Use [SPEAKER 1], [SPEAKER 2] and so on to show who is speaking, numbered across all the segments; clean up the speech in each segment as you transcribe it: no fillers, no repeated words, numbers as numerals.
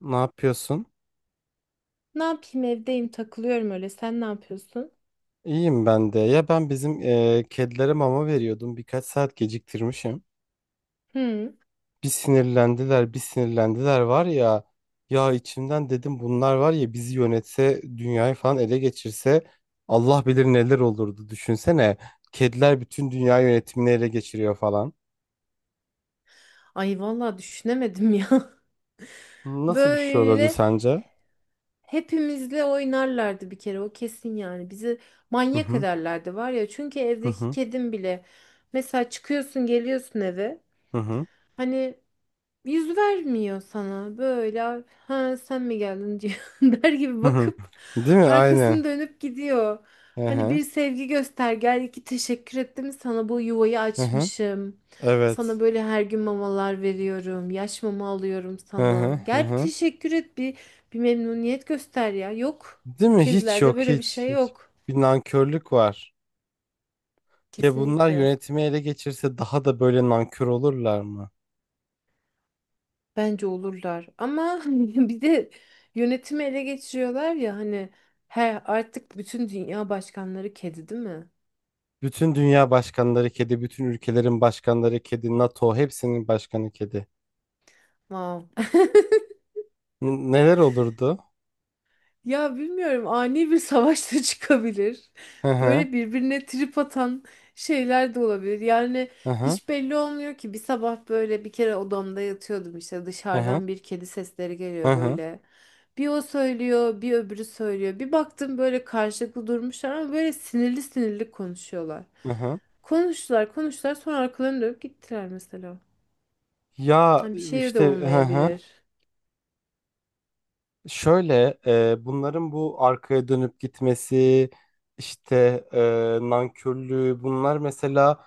[SPEAKER 1] Ne yapıyorsun?
[SPEAKER 2] Ne yapayım evdeyim takılıyorum öyle. Sen ne yapıyorsun?
[SPEAKER 1] İyiyim ben de. Ya ben bizim kedilere mama veriyordum. Birkaç saat geciktirmişim.
[SPEAKER 2] Hı.
[SPEAKER 1] Bir sinirlendiler, bir sinirlendiler var ya. Ya içimden dedim bunlar var ya bizi yönetse, dünyayı falan ele geçirse Allah bilir neler olurdu. Düşünsene. Kediler bütün dünya yönetimini ele geçiriyor falan.
[SPEAKER 2] Ay vallahi düşünemedim ya.
[SPEAKER 1] Nasıl bir şey olurdu
[SPEAKER 2] Böyle
[SPEAKER 1] sence?
[SPEAKER 2] hepimizle oynarlardı bir kere o kesin yani. Bizi
[SPEAKER 1] Hı
[SPEAKER 2] manyak
[SPEAKER 1] hı,
[SPEAKER 2] ederlerdi var ya. Çünkü
[SPEAKER 1] hı
[SPEAKER 2] evdeki
[SPEAKER 1] hı,
[SPEAKER 2] kedim bile mesela çıkıyorsun geliyorsun eve.
[SPEAKER 1] hı hı.
[SPEAKER 2] Hani yüz vermiyor sana. Böyle ha sen mi geldin diyor der gibi
[SPEAKER 1] Hı hı.
[SPEAKER 2] bakıp
[SPEAKER 1] Değil mi? Aynen.
[SPEAKER 2] arkasını dönüp gidiyor.
[SPEAKER 1] Hı
[SPEAKER 2] Hani
[SPEAKER 1] hı,
[SPEAKER 2] bir sevgi göster gel iki teşekkür ettim sana bu yuvayı
[SPEAKER 1] hı hı.
[SPEAKER 2] açmışım. Sana
[SPEAKER 1] Evet.
[SPEAKER 2] böyle her gün mamalar veriyorum. Yaş mama alıyorum
[SPEAKER 1] Hı
[SPEAKER 2] sana.
[SPEAKER 1] hı, hı
[SPEAKER 2] Gel bir
[SPEAKER 1] hı.
[SPEAKER 2] teşekkür et bir bir memnuniyet göster ya. Yok.
[SPEAKER 1] Değil
[SPEAKER 2] Bu
[SPEAKER 1] mi? Hiç
[SPEAKER 2] kedilerde
[SPEAKER 1] yok,
[SPEAKER 2] böyle bir
[SPEAKER 1] hiç
[SPEAKER 2] şey
[SPEAKER 1] hiç.
[SPEAKER 2] yok.
[SPEAKER 1] Bir nankörlük var. Ya bunlar
[SPEAKER 2] Kesinlikle.
[SPEAKER 1] yönetimi ele geçirse daha da böyle nankör olurlar mı?
[SPEAKER 2] Bence olurlar ama bir de yönetimi ele geçiriyorlar ya hani her artık bütün dünya başkanları kedi değil mi?
[SPEAKER 1] Bütün dünya başkanları kedi, bütün ülkelerin başkanları kedi, NATO hepsinin başkanı kedi.
[SPEAKER 2] Wow.
[SPEAKER 1] Neler olurdu?
[SPEAKER 2] Ya bilmiyorum ani bir savaşta çıkabilir.
[SPEAKER 1] Hı hı,
[SPEAKER 2] Böyle birbirine trip atan şeyler de olabilir. Yani
[SPEAKER 1] hı hı,
[SPEAKER 2] hiç belli olmuyor ki. Bir sabah böyle bir kere odamda yatıyordum işte
[SPEAKER 1] hı hı,
[SPEAKER 2] dışarıdan bir kedi sesleri
[SPEAKER 1] hı
[SPEAKER 2] geliyor
[SPEAKER 1] hı.
[SPEAKER 2] böyle. Bir o söylüyor, bir öbürü söylüyor. Bir baktım böyle karşılıklı durmuşlar ama böyle sinirli sinirli konuşuyorlar.
[SPEAKER 1] Hı hı.
[SPEAKER 2] Konuştular, konuştular sonra arkalarını dönüp gittiler mesela.
[SPEAKER 1] Ya
[SPEAKER 2] Hani bir şey de
[SPEAKER 1] işte, hı hı.
[SPEAKER 2] olmayabilir.
[SPEAKER 1] Şöyle bunların bu arkaya dönüp gitmesi, işte, nankörlüğü bunlar mesela.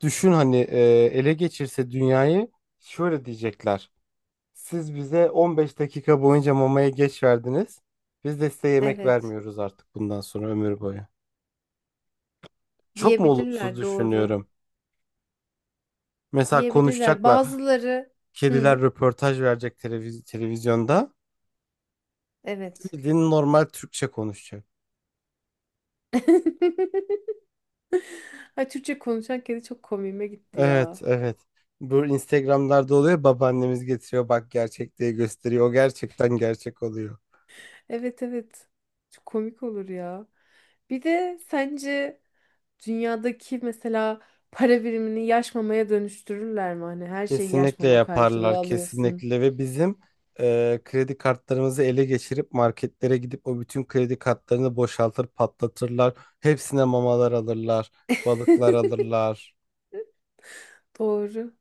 [SPEAKER 1] Düşün hani, ele geçirse dünyayı, şöyle diyecekler. Siz bize 15 dakika boyunca mamaya geç verdiniz. Biz de size yemek
[SPEAKER 2] Evet,
[SPEAKER 1] vermiyoruz artık bundan sonra ömür boyu. Çok mu olumsuz
[SPEAKER 2] diyebilirler doğru.
[SPEAKER 1] düşünüyorum? Mesela
[SPEAKER 2] Diyebilirler.
[SPEAKER 1] konuşacaklar.
[SPEAKER 2] Bazıları.
[SPEAKER 1] Kediler
[SPEAKER 2] Hı.
[SPEAKER 1] röportaj verecek televizyonda.
[SPEAKER 2] Evet.
[SPEAKER 1] Bildiğin normal Türkçe konuşacak.
[SPEAKER 2] Ay Türkçe konuşan kedi çok komiğime gitti ya.
[SPEAKER 1] Evet, evet. Bu Instagram'larda oluyor. Babaannemiz getiriyor, bak gerçek diye gösteriyor. O gerçekten gerçek oluyor.
[SPEAKER 2] Evet evet. Çok komik olur ya. Bir de sence dünyadaki mesela para birimini yaş mamaya dönüştürürler mi? Hani her şeyi yaş
[SPEAKER 1] Kesinlikle
[SPEAKER 2] mama karşılığı
[SPEAKER 1] yaparlar,
[SPEAKER 2] alıyorsun.
[SPEAKER 1] kesinlikle, ve bizim kredi kartlarımızı ele geçirip marketlere gidip o bütün kredi kartlarını boşaltır, patlatırlar. Hepsine mamalar alırlar, balıklar alırlar,
[SPEAKER 2] Doğru,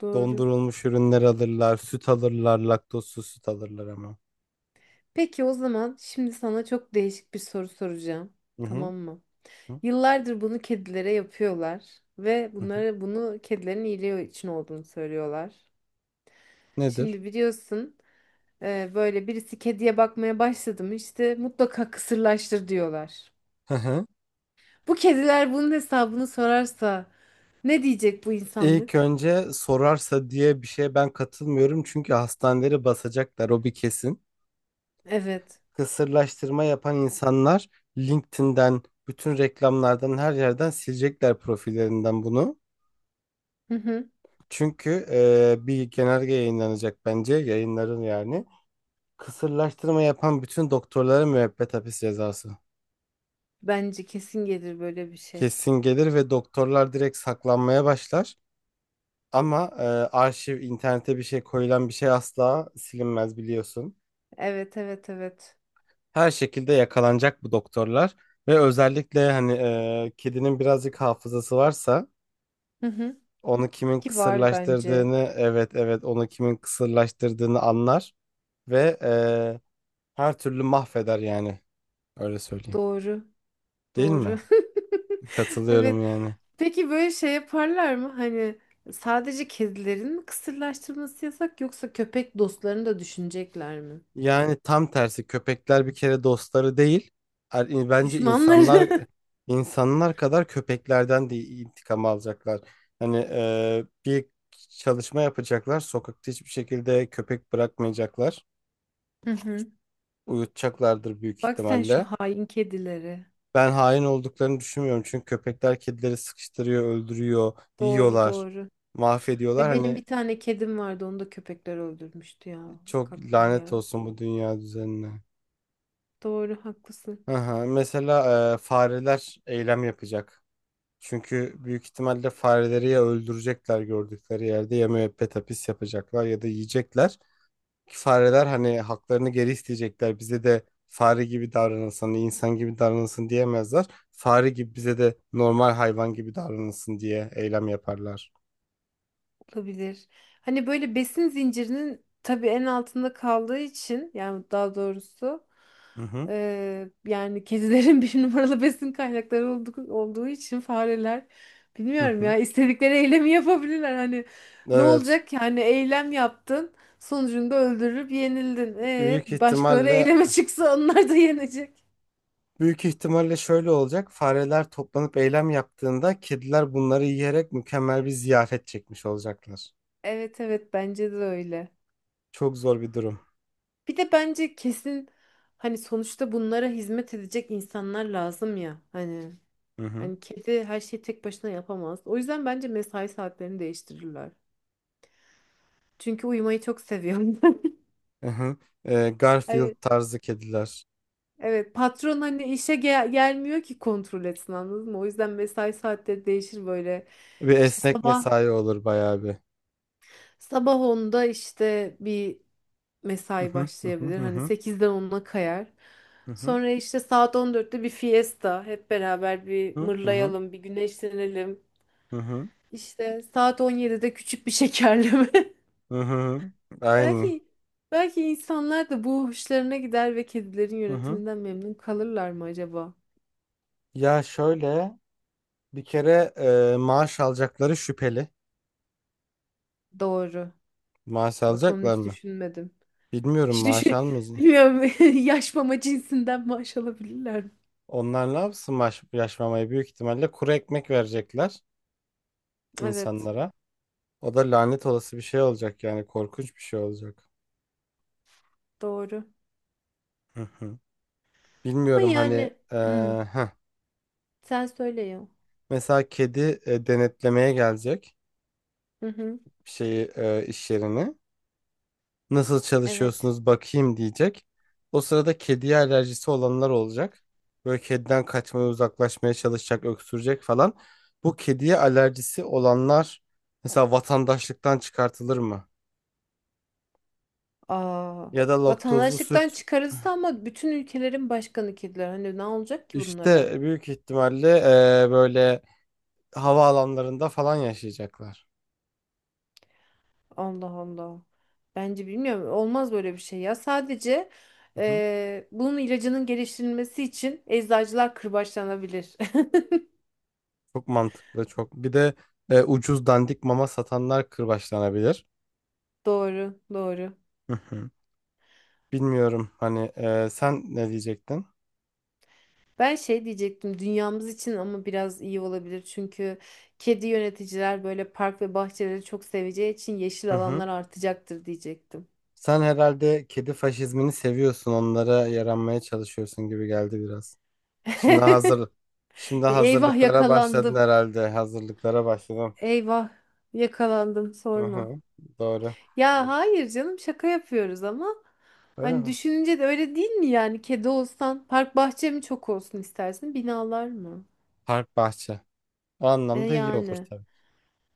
[SPEAKER 2] doğru.
[SPEAKER 1] dondurulmuş ürünler alırlar, süt alırlar, laktozsuz süt alırlar ama.
[SPEAKER 2] Peki o zaman şimdi sana çok değişik bir soru soracağım.
[SPEAKER 1] Hı hı.
[SPEAKER 2] Tamam mı?
[SPEAKER 1] Hı
[SPEAKER 2] Yıllardır bunu kedilere yapıyorlar ve
[SPEAKER 1] hı. Hı.
[SPEAKER 2] bunu kedilerin iyiliği için olduğunu söylüyorlar.
[SPEAKER 1] Nedir?
[SPEAKER 2] Şimdi biliyorsun böyle birisi kediye bakmaya başladı mı işte mutlaka kısırlaştır diyorlar.
[SPEAKER 1] Hı hı.
[SPEAKER 2] Bu kediler bunun hesabını sorarsa ne diyecek bu
[SPEAKER 1] İlk
[SPEAKER 2] insanlık?
[SPEAKER 1] önce sorarsa diye bir şeye ben katılmıyorum, çünkü hastaneleri basacaklar o bir kesin.
[SPEAKER 2] Evet.
[SPEAKER 1] Kısırlaştırma yapan insanlar LinkedIn'den, bütün reklamlardan, her yerden silecekler profillerinden bunu.
[SPEAKER 2] Hı hı.
[SPEAKER 1] Çünkü bir genelge yayınlanacak bence, yayınların yani. Kısırlaştırma yapan bütün doktorlara müebbet hapis cezası.
[SPEAKER 2] Bence kesin gelir böyle bir şey.
[SPEAKER 1] Kesin gelir ve doktorlar direkt saklanmaya başlar. Ama arşiv, internete bir şey koyulan bir şey asla silinmez biliyorsun.
[SPEAKER 2] Evet evet evet.
[SPEAKER 1] Her şekilde yakalanacak bu doktorlar. Ve özellikle hani, kedinin birazcık hafızası varsa,
[SPEAKER 2] Hı hı.
[SPEAKER 1] onu kimin
[SPEAKER 2] Ki var bence.
[SPEAKER 1] kısırlaştırdığını, evet evet, onu kimin kısırlaştırdığını anlar ve her türlü mahveder yani, öyle söyleyeyim.
[SPEAKER 2] Doğru.
[SPEAKER 1] Değil mi?
[SPEAKER 2] Doğru.
[SPEAKER 1] Katılıyorum
[SPEAKER 2] Evet.
[SPEAKER 1] yani.
[SPEAKER 2] Peki böyle şey yaparlar mı? Hani sadece kedilerin mi kısırlaştırması yasak yoksa köpek dostlarını da düşünecekler mi?
[SPEAKER 1] Yani tam tersi, köpekler bir kere dostları değil. Bence
[SPEAKER 2] Düşmanları.
[SPEAKER 1] insanlar kadar köpeklerden de intikam alacaklar. Hani bir çalışma yapacaklar. Sokakta hiçbir şekilde köpek bırakmayacaklar.
[SPEAKER 2] Hı hı.
[SPEAKER 1] Uyutacaklardır büyük
[SPEAKER 2] Bak sen şu
[SPEAKER 1] ihtimalle.
[SPEAKER 2] hain kedileri.
[SPEAKER 1] Ben hain olduklarını düşünmüyorum. Çünkü köpekler kedileri sıkıştırıyor, öldürüyor,
[SPEAKER 2] Doğru
[SPEAKER 1] yiyorlar,
[SPEAKER 2] doğru.
[SPEAKER 1] mahvediyorlar.
[SPEAKER 2] Ve benim
[SPEAKER 1] Hani
[SPEAKER 2] bir tane kedim vardı onu da köpekler öldürmüştü ya. Bak
[SPEAKER 1] çok
[SPEAKER 2] aklıma
[SPEAKER 1] lanet
[SPEAKER 2] geldi.
[SPEAKER 1] olsun bu dünya düzenine.
[SPEAKER 2] Doğru haklısın.
[SPEAKER 1] Aha, mesela fareler eylem yapacak. Çünkü büyük ihtimalle fareleri ya öldürecekler gördükleri yerde, ya müebbet hapis yapacaklar, ya da yiyecekler. Ki fareler hani haklarını geri isteyecekler. Bize de fare gibi davranılsın, insan gibi davranılsın diyemezler. Fare gibi, bize de normal hayvan gibi davranılsın diye eylem yaparlar.
[SPEAKER 2] Olabilir. Hani böyle besin zincirinin tabii en altında kaldığı için yani daha doğrusu
[SPEAKER 1] Hı hı.
[SPEAKER 2] yani kedilerin bir numaralı besin kaynakları olduğu için fareler
[SPEAKER 1] Hı
[SPEAKER 2] bilmiyorum
[SPEAKER 1] hı.
[SPEAKER 2] ya istedikleri eylemi yapabilirler. Hani ne
[SPEAKER 1] Evet.
[SPEAKER 2] olacak ki? Hani eylem yaptın sonucunda öldürüp yenildin. E,
[SPEAKER 1] Büyük
[SPEAKER 2] başkaları
[SPEAKER 1] ihtimalle
[SPEAKER 2] eyleme çıksa onlar da yenecek.
[SPEAKER 1] Büyük ihtimalle şöyle olacak. Fareler toplanıp eylem yaptığında kediler bunları yiyerek mükemmel bir ziyafet çekmiş olacaklar.
[SPEAKER 2] Evet evet bence de öyle.
[SPEAKER 1] Çok zor bir durum.
[SPEAKER 2] Bir de bence kesin hani sonuçta bunlara hizmet edecek insanlar lazım ya. Hani
[SPEAKER 1] Hı hı.
[SPEAKER 2] hani kedi her şeyi tek başına yapamaz. O yüzden bence mesai saatlerini değiştirirler. Çünkü uyumayı çok seviyorum.
[SPEAKER 1] Hı hı. Garfield
[SPEAKER 2] Hani
[SPEAKER 1] tarzı kediler.
[SPEAKER 2] evet patron hani işe gelmiyor ki kontrol etsin anladın mı? O yüzden mesai saatleri değişir böyle.
[SPEAKER 1] Bir
[SPEAKER 2] İşte
[SPEAKER 1] esnek
[SPEAKER 2] sabah
[SPEAKER 1] mesai olur bayağı bir.
[SPEAKER 2] Sabah onda işte bir
[SPEAKER 1] Hı
[SPEAKER 2] mesai
[SPEAKER 1] hı. Hı
[SPEAKER 2] başlayabilir. Hani
[SPEAKER 1] hı.
[SPEAKER 2] sekizden 10'a kayar.
[SPEAKER 1] Hı hı.
[SPEAKER 2] Sonra işte saat 14'te bir fiesta. Hep beraber bir
[SPEAKER 1] Hı hı.
[SPEAKER 2] mırlayalım, bir güneşlenelim.
[SPEAKER 1] Hı hı. Hı hı.
[SPEAKER 2] İşte saat 17'de küçük bir şekerleme.
[SPEAKER 1] Hı hı. Aynen.
[SPEAKER 2] Belki belki insanlar da bu hoşlarına gider ve kedilerin
[SPEAKER 1] Hı hı.
[SPEAKER 2] yönetiminden memnun kalırlar mı acaba?
[SPEAKER 1] Ya şöyle, bir kere maaş alacakları şüpheli.
[SPEAKER 2] Doğru.
[SPEAKER 1] Maaş
[SPEAKER 2] Bak onu
[SPEAKER 1] alacaklar
[SPEAKER 2] hiç
[SPEAKER 1] mı?
[SPEAKER 2] düşünmedim.
[SPEAKER 1] Bilmiyorum,
[SPEAKER 2] Hiç
[SPEAKER 1] maaş
[SPEAKER 2] düşün...
[SPEAKER 1] almayız.
[SPEAKER 2] Bilmiyorum. Yaş mama cinsinden maaş alabilirler mi?
[SPEAKER 1] Onlar ne yapsın maaş, yaşmamayı, büyük ihtimalle kuru ekmek verecekler
[SPEAKER 2] Evet.
[SPEAKER 1] insanlara. O da lanet olası bir şey olacak yani, korkunç bir şey olacak.
[SPEAKER 2] Doğru.
[SPEAKER 1] Hı hı.
[SPEAKER 2] Ama
[SPEAKER 1] Bilmiyorum hani,
[SPEAKER 2] yani hmm,
[SPEAKER 1] heh.
[SPEAKER 2] sen söyle ya.
[SPEAKER 1] Mesela kedi, denetlemeye gelecek
[SPEAKER 2] Hı hı.
[SPEAKER 1] bir şeyi, iş yerini. Nasıl
[SPEAKER 2] Evet.
[SPEAKER 1] çalışıyorsunuz bakayım diyecek. O sırada kediye alerjisi olanlar olacak. Böyle kediden kaçmaya, uzaklaşmaya çalışacak, öksürecek falan. Bu kediye alerjisi olanlar mesela vatandaşlıktan çıkartılır mı?
[SPEAKER 2] Aa,
[SPEAKER 1] Ya da laktozlu
[SPEAKER 2] vatandaşlıktan
[SPEAKER 1] süt,
[SPEAKER 2] çıkarılsa ama bütün ülkelerin başkanı kediler. Hani ne olacak ki bunlara?
[SPEAKER 1] işte büyük ihtimalle böyle havaalanlarında falan yaşayacaklar.
[SPEAKER 2] Allah Allah. Bence bilmiyorum. Olmaz böyle bir şey ya. Sadece
[SPEAKER 1] Hı hı.
[SPEAKER 2] bunun ilacının geliştirilmesi için eczacılar kırbaçlanabilir.
[SPEAKER 1] Çok mantıklı, çok. Bir de ucuz dandik mama satanlar kırbaçlanabilir.
[SPEAKER 2] Doğru, doğru.
[SPEAKER 1] Hı hı. Bilmiyorum hani, sen ne diyecektin?
[SPEAKER 2] Ben şey diyecektim dünyamız için ama biraz iyi olabilir çünkü kedi yöneticiler böyle park ve bahçeleri çok seveceği için
[SPEAKER 1] Hı
[SPEAKER 2] yeşil
[SPEAKER 1] hı.
[SPEAKER 2] alanlar artacaktır diyecektim.
[SPEAKER 1] Sen herhalde kedi faşizmini seviyorsun, onlara yaranmaya çalışıyorsun gibi geldi biraz. Şimdi hazır, şimdi
[SPEAKER 2] Eyvah
[SPEAKER 1] hazırlıklara başladın
[SPEAKER 2] yakalandım.
[SPEAKER 1] herhalde. Hazırlıklara başladım.
[SPEAKER 2] Eyvah yakalandım
[SPEAKER 1] Hı
[SPEAKER 2] sorma.
[SPEAKER 1] hı. Doğru.
[SPEAKER 2] Ya
[SPEAKER 1] Doğru.
[SPEAKER 2] hayır canım şaka yapıyoruz ama
[SPEAKER 1] Öyle
[SPEAKER 2] hani
[SPEAKER 1] mi?
[SPEAKER 2] düşününce de öyle değil mi yani kedi olsan park bahçe mi çok olsun istersin binalar mı?
[SPEAKER 1] Park bahçe. O
[SPEAKER 2] E
[SPEAKER 1] anlamda iyi olur
[SPEAKER 2] yani
[SPEAKER 1] tabii.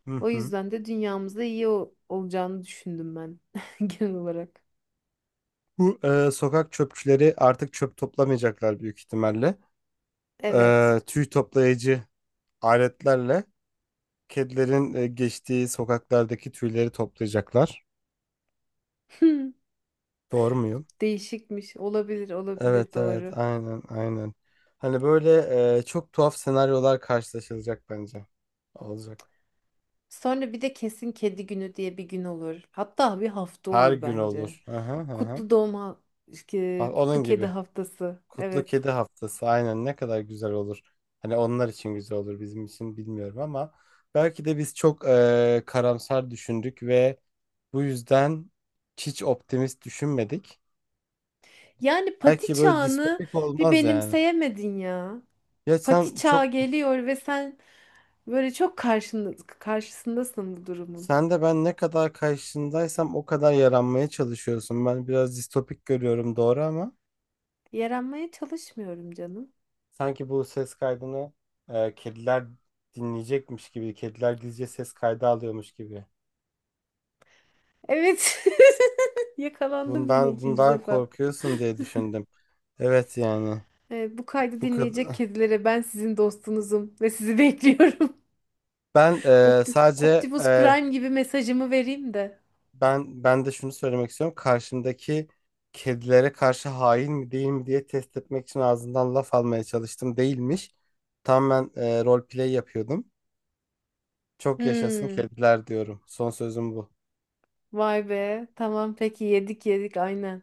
[SPEAKER 1] Hı
[SPEAKER 2] o
[SPEAKER 1] hı.
[SPEAKER 2] yüzden de dünyamızda iyi olacağını düşündüm ben genel olarak.
[SPEAKER 1] Bu, sokak çöpçüleri artık çöp toplamayacaklar büyük ihtimalle.
[SPEAKER 2] Evet.
[SPEAKER 1] E, tüy toplayıcı aletlerle kedilerin, geçtiği sokaklardaki tüyleri toplayacaklar. Doğru muyum?
[SPEAKER 2] Değişikmiş. Olabilir, olabilir
[SPEAKER 1] Evet evet,
[SPEAKER 2] doğru.
[SPEAKER 1] aynen aynen. Hani böyle, çok tuhaf senaryolar karşılaşılacak bence. Olacak.
[SPEAKER 2] Sonra bir de kesin kedi günü diye bir gün olur. Hatta bir hafta
[SPEAKER 1] Her
[SPEAKER 2] olur
[SPEAKER 1] gün
[SPEAKER 2] bence.
[SPEAKER 1] olur. Aha, aha.
[SPEAKER 2] Kutlu doğma,
[SPEAKER 1] Ha,
[SPEAKER 2] kutlu
[SPEAKER 1] onun
[SPEAKER 2] kedi
[SPEAKER 1] gibi.
[SPEAKER 2] haftası.
[SPEAKER 1] Kutlu
[SPEAKER 2] Evet.
[SPEAKER 1] Kedi Haftası, aynen, ne kadar güzel olur. Hani onlar için güzel olur, bizim için bilmiyorum, ama belki de biz çok karamsar düşündük ve bu yüzden hiç optimist düşünmedik.
[SPEAKER 2] Yani pati
[SPEAKER 1] Belki böyle
[SPEAKER 2] çağını
[SPEAKER 1] distopik
[SPEAKER 2] bir
[SPEAKER 1] olmaz yani.
[SPEAKER 2] benimseyemedin ya.
[SPEAKER 1] Ya
[SPEAKER 2] Pati
[SPEAKER 1] sen
[SPEAKER 2] çağı
[SPEAKER 1] çok.
[SPEAKER 2] geliyor ve sen böyle çok karşısındasın bu durumun.
[SPEAKER 1] Sen de ben ne kadar karşındaysam o kadar yaranmaya çalışıyorsun. Ben biraz distopik görüyorum doğru, ama
[SPEAKER 2] Yaranmaya çalışmıyorum canım.
[SPEAKER 1] sanki bu ses kaydını kediler dinleyecekmiş gibi, kediler gizlice ses kaydı alıyormuş gibi.
[SPEAKER 2] Evet. Yakalandım yine ikinci
[SPEAKER 1] Bundan
[SPEAKER 2] defa.
[SPEAKER 1] korkuyorsun diye düşündüm. Evet yani,
[SPEAKER 2] Bu kaydı
[SPEAKER 1] bu
[SPEAKER 2] dinleyecek
[SPEAKER 1] kadar.
[SPEAKER 2] kedilere ben sizin dostunuzum ve sizi bekliyorum.
[SPEAKER 1] Ben sadece,
[SPEAKER 2] Optimus Prime gibi mesajımı vereyim de.
[SPEAKER 1] ben de şunu söylemek istiyorum. Karşımdaki kedilere karşı hain mi değil mi diye test etmek için ağzından laf almaya çalıştım. Değilmiş. Tam ben role play yapıyordum. Çok yaşasın
[SPEAKER 2] Hmm,
[SPEAKER 1] kediler diyorum. Son sözüm bu.
[SPEAKER 2] vay be. Tamam peki yedik yedik aynen.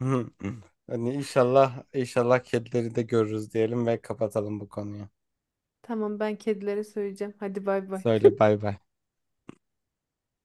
[SPEAKER 1] Hani inşallah kedileri de görürüz diyelim ve kapatalım bu konuyu.
[SPEAKER 2] Tamam ben kedilere söyleyeceğim. Hadi bay bay.
[SPEAKER 1] Söyle bay bay.